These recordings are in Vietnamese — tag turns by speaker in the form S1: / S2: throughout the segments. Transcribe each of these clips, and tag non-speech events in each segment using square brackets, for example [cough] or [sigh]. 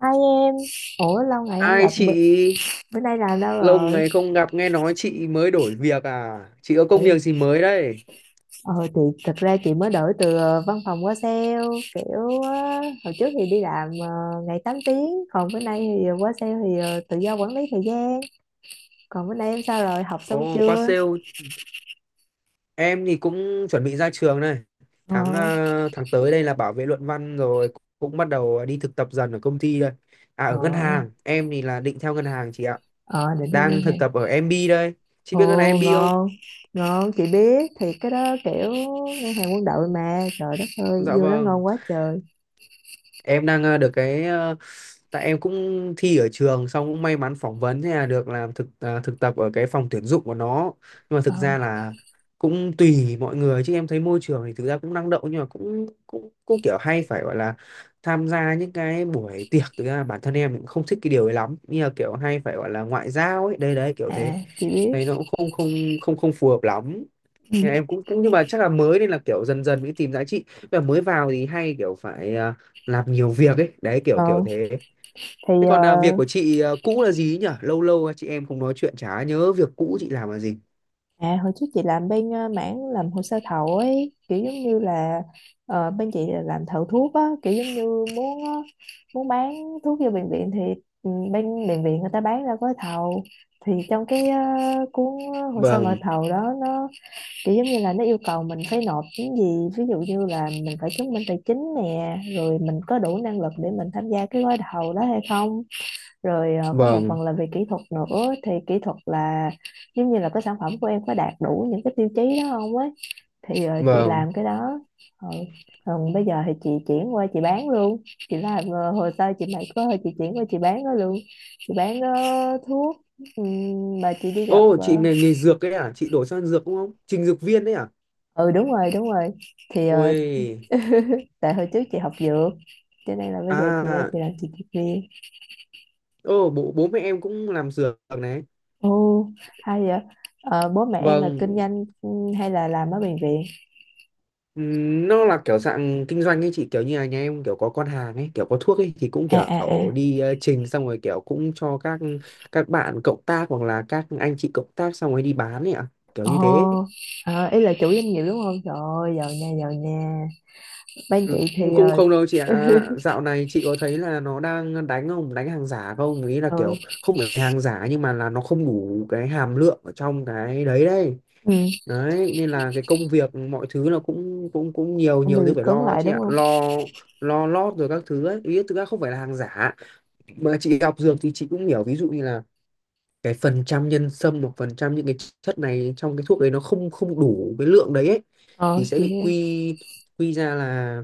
S1: Hai em, ủa lâu ngày không
S2: Hai
S1: gặp,
S2: chị,
S1: bữa nay làm đâu
S2: lâu
S1: rồi?
S2: ngày không gặp, nghe nói chị mới đổi việc à? Chị có công việc
S1: Chị,
S2: gì mới đấy?
S1: ờ chị, thật ra chị mới đổi từ văn phòng qua sale, kiểu hồi trước thì đi làm ngày 8 tiếng, còn bữa nay thì qua sale thì tự do quản lý thời gian. Còn bữa nay em sao rồi, học xong
S2: Ồ, qua
S1: chưa?
S2: sale em thì cũng chuẩn bị ra trường này.
S1: Ờ,
S2: Tháng tới đây là bảo vệ luận văn rồi, cũng bắt đầu đi thực tập dần ở công ty đây. À
S1: ờ,
S2: ở ngân hàng, em thì là định theo ngân hàng chị ạ.
S1: ờ, định em nghe
S2: Đang thực
S1: hàng.
S2: tập ở MB đây. Chị
S1: Ồ,
S2: biết ngân hàng MB không?
S1: ngon, ngon, chị biết, thì cái đó kiểu ngân hàng quân đội mà, trời đất ơi,
S2: Dạ
S1: vô đó
S2: vâng.
S1: ngon quá trời.
S2: em đang ờ, được cái ờ, tại em cũng thi ở trường xong cũng may mắn phỏng vấn, thế là được làm thực tập ở cái phòng tuyển dụng của nó, nhưng mà thực
S1: Ờ,
S2: ra là cũng tùy mọi người. Chứ em thấy môi trường thì thực ra cũng năng động, nhưng mà cũng cũng cũng kiểu hay phải gọi là tham gia những cái buổi tiệc, thực ra bản thân em cũng không thích cái điều ấy lắm, như là kiểu hay phải gọi là ngoại giao ấy, đây đấy kiểu thế.
S1: à, chị biết.
S2: Thấy nó cũng không không không không phù hợp lắm.
S1: Ừ.
S2: Thế là em cũng, nhưng mà chắc là mới nên là kiểu dần dần mới tìm giá trị, và mới vào thì hay kiểu phải làm nhiều việc ấy, đấy kiểu kiểu
S1: Ờ,
S2: thế.
S1: thì
S2: Thế còn à, việc
S1: ờ,
S2: của chị à, cũ là gì ấy nhỉ, lâu lâu chị em không nói chuyện chả nhớ việc cũ chị làm là gì.
S1: à, hồi trước chị làm bên mảng làm hồ sơ thầu ấy kiểu giống như là bên chị là làm thầu thuốc á, kiểu giống như muốn bán thuốc cho bệnh viện, thì bên bệnh viện người ta bán ra gói thầu, thì trong cái cuốn hồ sơ mời
S2: Vâng.
S1: thầu đó nó kiểu giống như là nó yêu cầu mình phải nộp những gì, ví dụ như là mình phải chứng minh tài chính nè, rồi mình có đủ năng lực để mình tham gia cái gói thầu đó hay không, rồi có một
S2: Vâng.
S1: phần là về kỹ thuật nữa, thì kỹ thuật là giống như là cái sản phẩm của em có đạt đủ những cái tiêu chí đó không ấy, thì chị
S2: Vâng.
S1: làm cái đó. Ừ. Còn bây giờ thì chị chuyển qua chị bán luôn. Chị làm hồ sơ chị mày có thôi, chị chuyển qua chị bán nó luôn. Chị bán thuốc. Mà chị đi gặp
S2: Ô chị, nghề nghề dược ấy à, chị đổi sang dược đúng không, trình dược viên đấy à?
S1: ừ, đúng rồi, đúng rồi. Thì
S2: Ôi.
S1: tại hồi trước chị học dược, cho nên là bây giờ chị đây
S2: À.
S1: chị làm chị dược viên.
S2: Ô, bố bố mẹ em cũng làm dược này.
S1: Ồ, hay vậy. Ờ, bố mẹ em là
S2: Vâng.
S1: kinh doanh, hay là làm ở bệnh viện.
S2: Nó là kiểu dạng kinh doanh ấy chị, kiểu như là nhà em kiểu có con hàng ấy, kiểu có thuốc ấy thì cũng
S1: À,
S2: kiểu
S1: à, à.
S2: đi trình xong rồi kiểu cũng cho các bạn cộng tác hoặc là các anh chị cộng tác xong rồi đi bán ấy ạ, kiểu
S1: Ồ.
S2: như thế.
S1: À, ý là chủ doanh nghiệp đúng không, trời ơi giàu nha, giàu nha, bên
S2: Ừ,
S1: chị
S2: cũng
S1: thì
S2: cũng không đâu chị ạ, dạo này chị có thấy là nó đang đánh không, đánh hàng giả không, ý là
S1: ừ,
S2: kiểu không phải hàng giả nhưng mà là nó không đủ cái hàm lượng ở trong cái đấy đấy.
S1: ừ
S2: Đấy nên là cái công việc mọi thứ là cũng cũng cũng nhiều,
S1: cũng bị
S2: nhiều thứ phải
S1: cứng
S2: lo ấy
S1: lại
S2: chị
S1: đúng
S2: ạ,
S1: không,
S2: lo lo lót rồi các thứ ấy, ý thực ra không phải là hàng giả. Mà chị học dược thì chị cũng hiểu, ví dụ như là cái phần trăm nhân sâm hoặc phần trăm những cái chất này trong cái thuốc đấy nó không không đủ cái lượng đấy ấy,
S1: ờ
S2: thì sẽ
S1: chị
S2: bị quy, quy ra là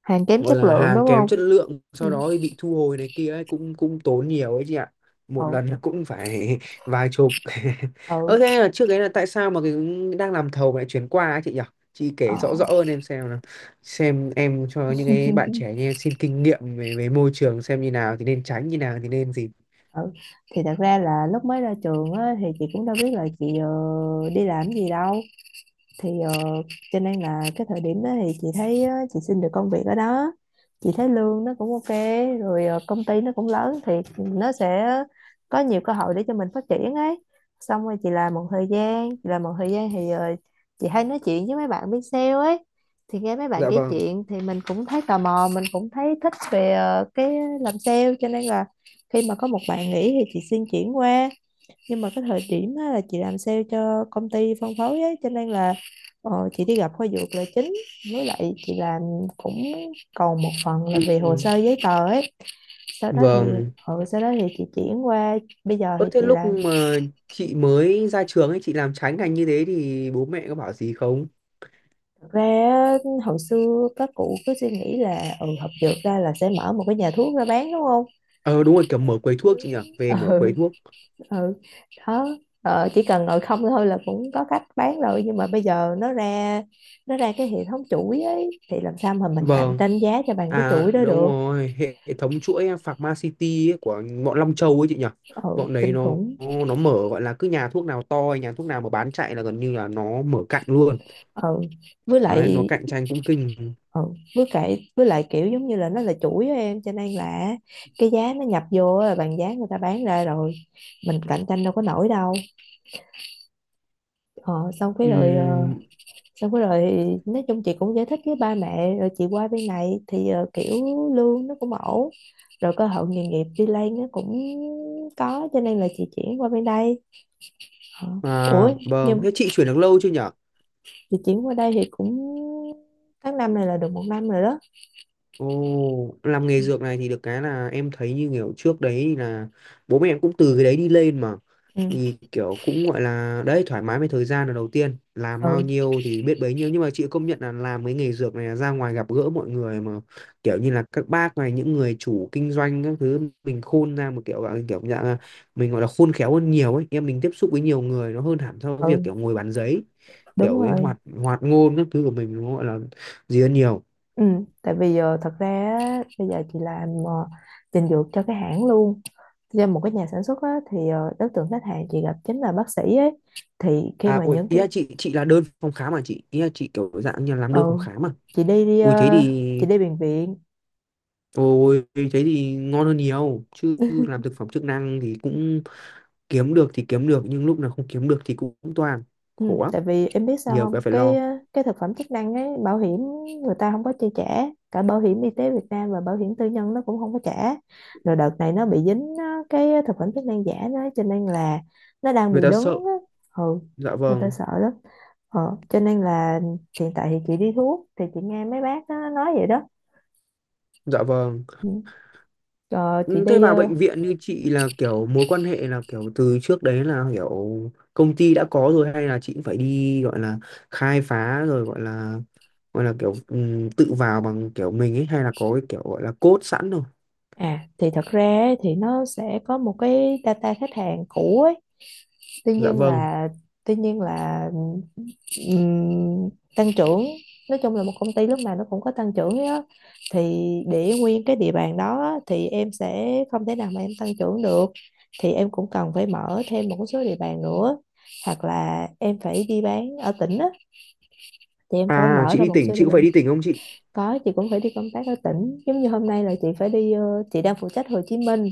S1: hàng kém
S2: gọi
S1: chất
S2: là
S1: lượng
S2: hàng
S1: đúng
S2: kém
S1: không.
S2: chất lượng, sau
S1: Ừ,
S2: đó thì bị thu hồi này kia ấy, cũng cũng tốn nhiều ấy chị ạ. Một
S1: ừ,
S2: lần là cũng phải [laughs] vài chục. [laughs] Ơ
S1: ừ.
S2: thế là trước đấy là tại sao mà cái đang làm thầu lại chuyển qua ấy chị nhỉ? Chị
S1: ờ,
S2: kể rõ rõ hơn em xem nào, xem em cho những cái bạn trẻ như em xin kinh nghiệm về về môi trường, xem như nào thì nên tránh, như nào thì nên gì.
S1: ừ, thì thật ra là lúc mới ra trường á, thì chị cũng đâu biết là chị đi làm cái gì đâu, thì cho nên là cái thời điểm đó thì chị thấy chị xin được công việc ở đó, chị thấy lương nó cũng OK, rồi công ty nó cũng lớn thì nó sẽ có nhiều cơ hội để cho mình phát triển ấy. Xong rồi chị làm một thời gian chị làm một thời gian thì chị hay nói chuyện với mấy bạn bên sale ấy, thì nghe mấy bạn
S2: Dạ
S1: kể
S2: vâng.
S1: chuyện thì mình cũng thấy tò mò, mình cũng thấy thích về cái làm sale, cho nên là khi mà có một bạn nghỉ thì chị xin chuyển qua. Nhưng mà cái thời điểm á, là chị làm sale cho công ty phân phối ấy, cho nên là ờ, chị đi gặp khoa dược là chính, với lại chị làm cũng còn một phần là
S2: Ừ,
S1: về hồ sơ giấy tờ ấy. sau đó thì
S2: vâng.
S1: ừ, sau đó thì chị chuyển qua, bây giờ
S2: Ơ
S1: thì
S2: thế
S1: chị
S2: lúc
S1: làm.
S2: mà chị mới ra trường ấy, chị làm trái ngành như thế thì bố mẹ có bảo gì không?
S1: Thật ra á, hồi xưa các cụ cứ suy nghĩ là học dược ra là sẽ mở một cái nhà thuốc ra bán đúng không.
S2: Ờ đúng rồi, kiểu mở quầy thuốc chị nhỉ,
S1: [laughs]
S2: về mở quầy
S1: Ừ,
S2: thuốc.
S1: ừ, đó. Ờ, chỉ cần ngồi không thôi là cũng có cách bán rồi, nhưng mà bây giờ nó ra cái hệ thống chuỗi ấy, thì làm sao mà mình cạnh
S2: Vâng,
S1: tranh giá cho bằng cái
S2: à
S1: chuỗi đó
S2: đúng
S1: được.
S2: rồi, hệ hệ thống chuỗi Pharmacity ấy, của bọn Long Châu ấy chị nhỉ.
S1: Ừ,
S2: Bọn đấy
S1: kinh
S2: nó
S1: khủng.
S2: nó mở gọi là cứ nhà thuốc nào to, nhà thuốc nào mà bán chạy là gần như là nó mở cạnh luôn.
S1: Ừ, với
S2: Đấy, nó
S1: lại
S2: cạnh tranh cũng kinh.
S1: ừ với lại kiểu giống như là nó là chuỗi á em, cho nên là cái giá nó nhập vô á là bằng giá người ta bán ra rồi, mình cạnh tranh đâu có nổi đâu. Ờ, xong cái rồi ờ,
S2: Ừm,
S1: xong cái rồi nói chung chị cũng giải thích với ba mẹ rồi, chị qua bên này thì kiểu lương nó cũng ổn, rồi cơ hội nghề nghiệp đi lên nó cũng có, cho nên là chị chuyển qua bên đây. Ờ. Ủa,
S2: à, vâng,
S1: nhưng
S2: thế chị chuyển được lâu chưa nhỉ?
S1: chị chuyển qua đây thì cũng tháng năm này là được 1 năm rồi đó.
S2: Ồ, làm nghề dược này thì được cái là em thấy như kiểu trước đấy thì là bố mẹ em cũng từ cái đấy đi lên mà,
S1: Ừ.
S2: thì kiểu cũng gọi là đấy, thoải mái với thời gian, là đầu tiên làm
S1: Ừ,
S2: bao nhiêu thì biết bấy nhiêu, nhưng mà chị công nhận là làm cái nghề dược này là ra ngoài gặp gỡ mọi người mà, kiểu như là các bác này, những người chủ kinh doanh các thứ, mình khôn ra một kiểu, à, kiểu dạng là mình gọi là khôn khéo hơn nhiều ấy em, mình tiếp xúc với nhiều người nó hơn hẳn so với việc
S1: ừ,
S2: kiểu ngồi bàn giấy,
S1: đúng
S2: kiểu cái
S1: rồi.
S2: hoạt hoạt ngôn các thứ của mình nó gọi là gì hơn nhiều.
S1: Ừ, tại vì giờ thật ra á, bây giờ chị làm trình dược cho cái hãng luôn, cho một cái nhà sản xuất á, thì đối tượng khách hàng chị gặp chính là bác sĩ ấy, thì khi
S2: À,
S1: mà
S2: ui,
S1: những
S2: ý
S1: cái.
S2: là chị là đơn phòng khám mà chị, ý là chị kiểu dạng như là làm đơn phòng
S1: Ừ,
S2: khám mà.
S1: chị đi đi
S2: Ui thế
S1: ờ, chị
S2: thì,
S1: đi bệnh viện.
S2: ôi thế thì ngon hơn nhiều, chứ làm thực phẩm chức năng thì cũng kiếm được thì kiếm được, nhưng lúc nào không kiếm được thì cũng toàn
S1: ừ,
S2: khổ lắm,
S1: tại vì em biết sao
S2: nhiều
S1: không,
S2: cái phải
S1: cái
S2: lo,
S1: cái thực phẩm chức năng ấy bảo hiểm người ta không có chi trả, cả bảo hiểm y tế Việt Nam và bảo hiểm tư nhân nó cũng không có trả, rồi đợt này nó bị dính cái thực phẩm chức năng giả nó, cho nên là nó đang bị
S2: người ta
S1: đứng
S2: sợ.
S1: á. Ừ,
S2: Dạ
S1: người ta
S2: vâng.
S1: sợ lắm. Ờ, cho nên là hiện tại thì chị đi thuốc thì chị nghe mấy bác nó nói vậy đó.
S2: Dạ vâng.
S1: Ừ. Ờ, chị
S2: Ừ, thế
S1: đi
S2: vào
S1: ờ,
S2: bệnh viện như chị là kiểu mối quan hệ là kiểu từ trước đấy là kiểu công ty đã có rồi, hay là chị cũng phải đi gọi là khai phá rồi gọi là, gọi là kiểu tự vào bằng kiểu mình ấy, hay là có cái kiểu gọi là code sẵn rồi.
S1: à thì thật ra ấy, thì nó sẽ có một cái data khách hàng cũ ấy. Tuy
S2: Dạ
S1: nhiên
S2: vâng.
S1: là tuy nhiên là ừm, tăng trưởng, nói chung là một công ty lúc nào nó cũng có tăng trưởng ấy á. Thì để nguyên cái địa bàn đó á, thì em sẽ không thể nào mà em tăng trưởng được, thì em cũng cần phải mở thêm một số địa bàn nữa, hoặc là em phải đi bán ở tỉnh á, thì em phải
S2: À
S1: mở
S2: chị
S1: ra
S2: đi
S1: một
S2: tỉnh,
S1: số địa
S2: chị cũng phải
S1: bàn.
S2: đi tỉnh không chị?
S1: Có, chị cũng phải đi công tác ở tỉnh. Giống như hôm nay là chị phải đi, chị đang phụ trách Hồ Chí Minh,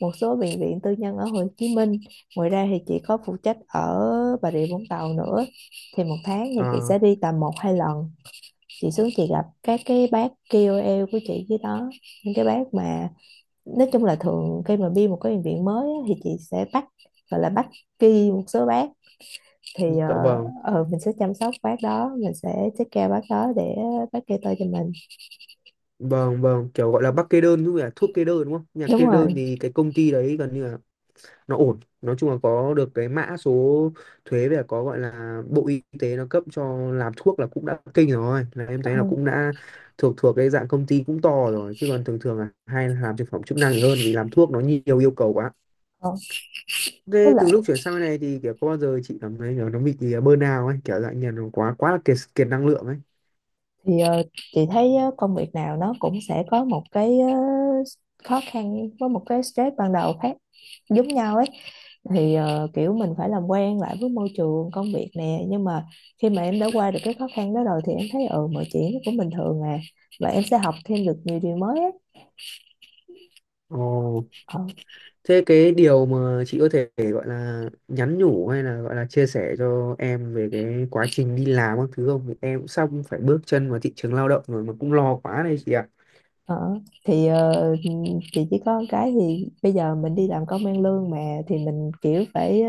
S1: một số bệnh viện tư nhân ở Hồ Chí Minh. Ngoài ra thì chị có phụ trách ở Bà Rịa Vũng Tàu nữa. Thì 1 tháng thì chị
S2: À
S1: sẽ đi tầm một hai lần. Chị xuống chị gặp các cái bác KOL của chị với đó. Những cái bác mà nói chung là thường khi mà đi một cái bệnh viện mới á, thì chị sẽ bắt, gọi là bắt kỳ một số bác, thì
S2: dạ vâng.
S1: mình sẽ chăm sóc bác đó, mình sẽ take care bác đó để bác kê tôi cho mình.
S2: Vâng vâng, kiểu gọi là bác kê đơn đúng không? Thuốc kê đơn đúng không? Nhà
S1: Đúng
S2: kê đơn
S1: rồi.
S2: thì cái công ty đấy gần như là nó ổn, nói chung là có được cái mã số thuế về, có gọi là bộ y tế nó cấp cho làm thuốc là cũng đã kinh rồi, là em thấy là cũng
S1: Ừ.
S2: đã thuộc, cái dạng công ty cũng to rồi, chứ còn thường thường là hay là làm thực phẩm chức năng thì hơn, vì làm thuốc nó nhiều yêu cầu quá.
S1: Ờ, với
S2: Thế từ
S1: lại
S2: lúc chuyển sang bên này thì kiểu có bao giờ chị cảm thấy kiểu nó bị bơn nào ấy, kiểu dạng như là nó quá, quá là kiệt kiệt năng lượng ấy?
S1: thì chị thấy công việc nào nó cũng sẽ có một cái khó khăn với một cái stress ban đầu khác giống nhau ấy, thì kiểu mình phải làm quen lại với môi trường công việc nè, nhưng mà khi mà em đã qua được cái khó khăn đó rồi thì em thấy mọi chuyện nó cũng bình thường à, và em sẽ học thêm được nhiều điều mới ấy.
S2: Ồ.
S1: Ờ,
S2: Thế cái điều mà chị có thể gọi là nhắn nhủ hay là gọi là chia sẻ cho em về cái quá trình đi làm các thứ không? Vì em cũng sắp phải bước chân vào thị trường lao động rồi mà cũng lo quá đây chị ạ.
S1: ờ. Thì chị chỉ có một cái, thì bây giờ mình đi làm công ăn lương mà, thì mình kiểu phải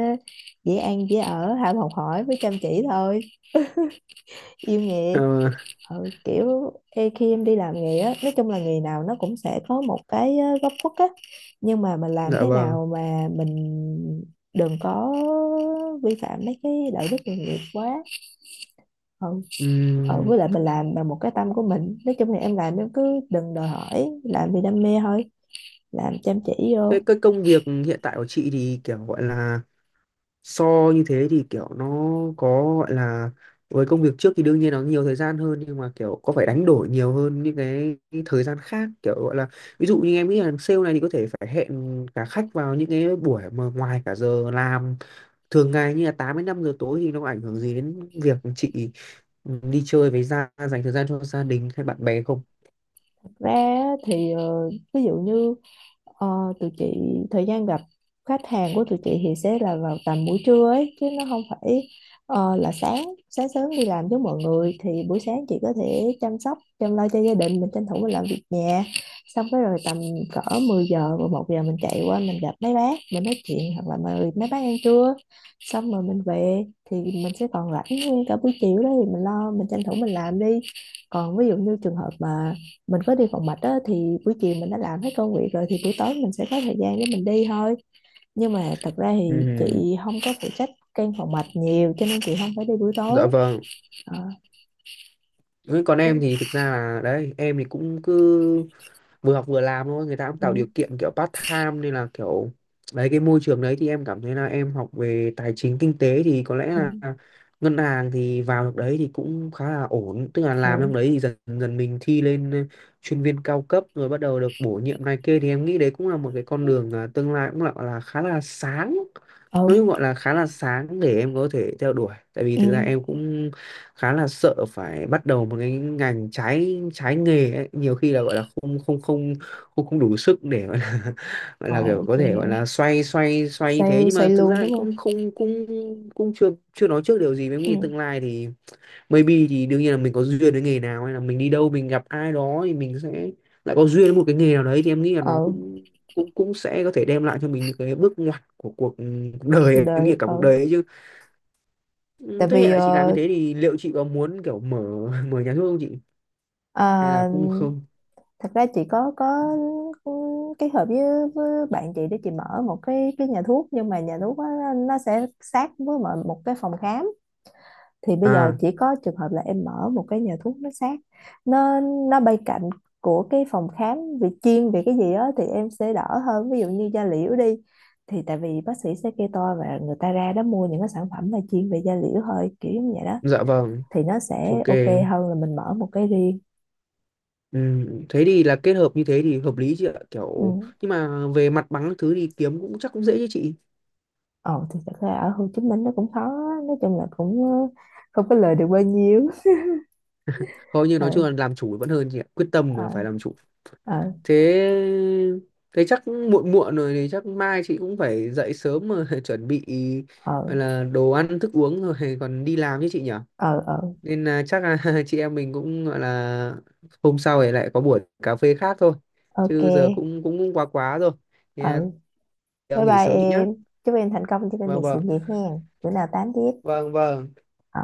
S1: dễ ăn dễ ở, ham học hỏi với chăm chỉ thôi, yêu nghề.
S2: Ờ,
S1: Ừ, kiểu ê, khi em đi làm nghề á, nói chung là nghề nào nó cũng sẽ có một cái góc khuất á, nhưng mà mình làm
S2: dạ
S1: thế
S2: vâng.
S1: nào mà mình đừng có vi phạm mấy cái đạo đức nghề nghiệp quá. Ừ. Ừ,
S2: Ừm,
S1: với lại mình làm bằng một cái tâm của mình, nói chung là em làm em cứ đừng đòi hỏi, làm vì đam mê thôi, làm chăm chỉ vô.
S2: thế cái công việc hiện tại của chị thì kiểu gọi là so như thế thì kiểu nó có gọi là, với công việc trước thì đương nhiên nó nhiều thời gian hơn, nhưng mà kiểu có phải đánh đổi nhiều hơn những cái thời gian khác kiểu gọi là, ví dụ như em nghĩ là sale này thì có thể phải hẹn cả khách vào những cái buổi mà ngoài cả giờ làm thường ngày, như là 8 đến 5 giờ tối, thì nó có ảnh hưởng gì đến việc chị đi chơi với gia, dành thời gian cho gia đình hay bạn bè không?
S1: Thật ra á, thì ví dụ như ờ, tụi chị thời gian gặp khách hàng của tụi chị thì sẽ là vào tầm buổi trưa ấy, chứ nó không phải là sáng sáng sớm đi làm với mọi người. Thì buổi sáng chị có thể chăm sóc chăm lo cho gia đình mình, tranh thủ mình làm việc nhà, xong cái rồi tầm cỡ 10 giờ và 1 giờ mình chạy qua mình gặp mấy bác mình nói chuyện, hoặc là mời mấy bác ăn trưa, xong rồi mình về, thì mình sẽ còn rảnh nguyên cả buổi chiều đó, thì mình lo mình tranh thủ mình làm đi. Còn ví dụ như trường hợp mà mình có đi phòng mạch á, thì buổi chiều mình đã làm hết công việc rồi, thì buổi tối mình sẽ có thời gian để mình đi thôi, nhưng mà thật ra thì
S2: Ừ,
S1: chị không có phụ trách căn phòng mạch nhiều cho nên chị không phải đi buổi tối.
S2: dạ vâng.
S1: Ờ,
S2: Ừ, còn
S1: ừ,
S2: em thì thực ra là đấy, em thì cũng cứ vừa học vừa làm thôi, người ta cũng tạo
S1: ừ,
S2: điều kiện kiểu part time nên là kiểu đấy, cái môi trường đấy thì em cảm thấy là em học về tài chính kinh tế thì có lẽ
S1: ừ,
S2: là ngân hàng thì vào được đấy thì cũng khá là ổn, tức là
S1: ừ,
S2: làm trong đấy thì dần dần mình thi lên chuyên viên cao cấp rồi bắt đầu được bổ nhiệm này kia, thì em nghĩ đấy cũng là một cái con đường, à, tương lai cũng là khá là sáng,
S1: ừ,
S2: nói chung gọi là khá là sáng để em có thể theo đuổi, tại vì
S1: ừ.
S2: thực ra em cũng khá là sợ phải bắt đầu một cái ngành trái trái nghề ấy. Nhiều khi là gọi là không không không không không đủ sức để gọi là, [laughs] gọi
S1: ờ
S2: là kiểu có
S1: chị
S2: thể gọi
S1: hiểu,
S2: là xoay xoay xoay như thế,
S1: sale
S2: nhưng mà
S1: sale
S2: thực
S1: luôn
S2: ra
S1: đúng
S2: lại
S1: không.
S2: không không cũng, cũng chưa chưa nói trước điều gì với
S1: Ừ.
S2: nghĩ tương lai thì maybe, thì đương nhiên là mình có duyên với nghề nào hay là mình đi đâu mình gặp ai đó thì mình sẽ lại có duyên với một cái nghề nào đấy, thì em nghĩ là nó
S1: ờ
S2: cũng cũng cũng sẽ có thể đem lại cho mình những cái bước ngoặt của cuộc cuộc đời,
S1: Cuộc
S2: em nghĩ
S1: đời.
S2: là cả cuộc
S1: Ờ
S2: đời ấy chứ. Ừ,
S1: Tại
S2: thế hiện
S1: vì
S2: tại chị làm như thế thì liệu chị có muốn kiểu mở, [laughs] mở nhà thuốc không chị? Hay là
S1: à,
S2: cũng không?
S1: thật ra chị có kết hợp với, bạn chị để chị mở một cái nhà thuốc, nhưng mà nhà thuốc á, nó sẽ sát với một cái phòng khám. Thì bây giờ
S2: À,
S1: chỉ có trường hợp là em mở một cái nhà thuốc nó sát, nó nó bay cạnh của cái phòng khám, vì chuyên về cái gì đó thì em sẽ đỡ hơn, ví dụ như da liễu đi, thì tại vì bác sĩ sẽ kê toa và người ta ra đó mua những cái sản phẩm mà chuyên về da liễu thôi, kiểu như vậy đó.
S2: dạ vâng.
S1: Thì nó sẽ
S2: Ok.
S1: OK hơn là mình mở một cái riêng.
S2: Ừ, thế thì là kết hợp như thế thì hợp lý chị ạ. Kiểu
S1: Ừ.
S2: nhưng mà về mặt bằng các thứ thì kiếm cũng chắc cũng dễ chứ chị.
S1: Ồ, thì thật ra ở Hồ Chí Minh nó cũng khó á, nói chung là cũng không có lời được bao nhiêu.
S2: Thôi nhưng
S1: [laughs]
S2: nói
S1: ờ
S2: chung là làm chủ vẫn hơn chị ạ. Quyết tâm
S1: ờ
S2: mà phải làm chủ.
S1: ờ
S2: Thế thế chắc muộn muộn rồi thì chắc mai chị cũng phải dậy sớm mà [laughs] chuẩn bị
S1: ờ
S2: gọi là đồ ăn thức uống rồi còn đi làm chứ chị nhỉ?
S1: ờ ờ ờ,
S2: Nên là chắc là [laughs] chị em mình cũng gọi là hôm sau thì lại có buổi cà phê khác thôi,
S1: OK.
S2: chứ giờ cũng cũng, cũng quá quá rồi thì,
S1: ờ
S2: à,
S1: Bye
S2: nghỉ
S1: bye
S2: sớm chị nhá.
S1: em. Chúc em thành công trên con
S2: Vâng
S1: đường sự
S2: vâng.
S1: nghiệp hen. Bữa nào tám tiếp.
S2: Vâng vâng.
S1: Ờ.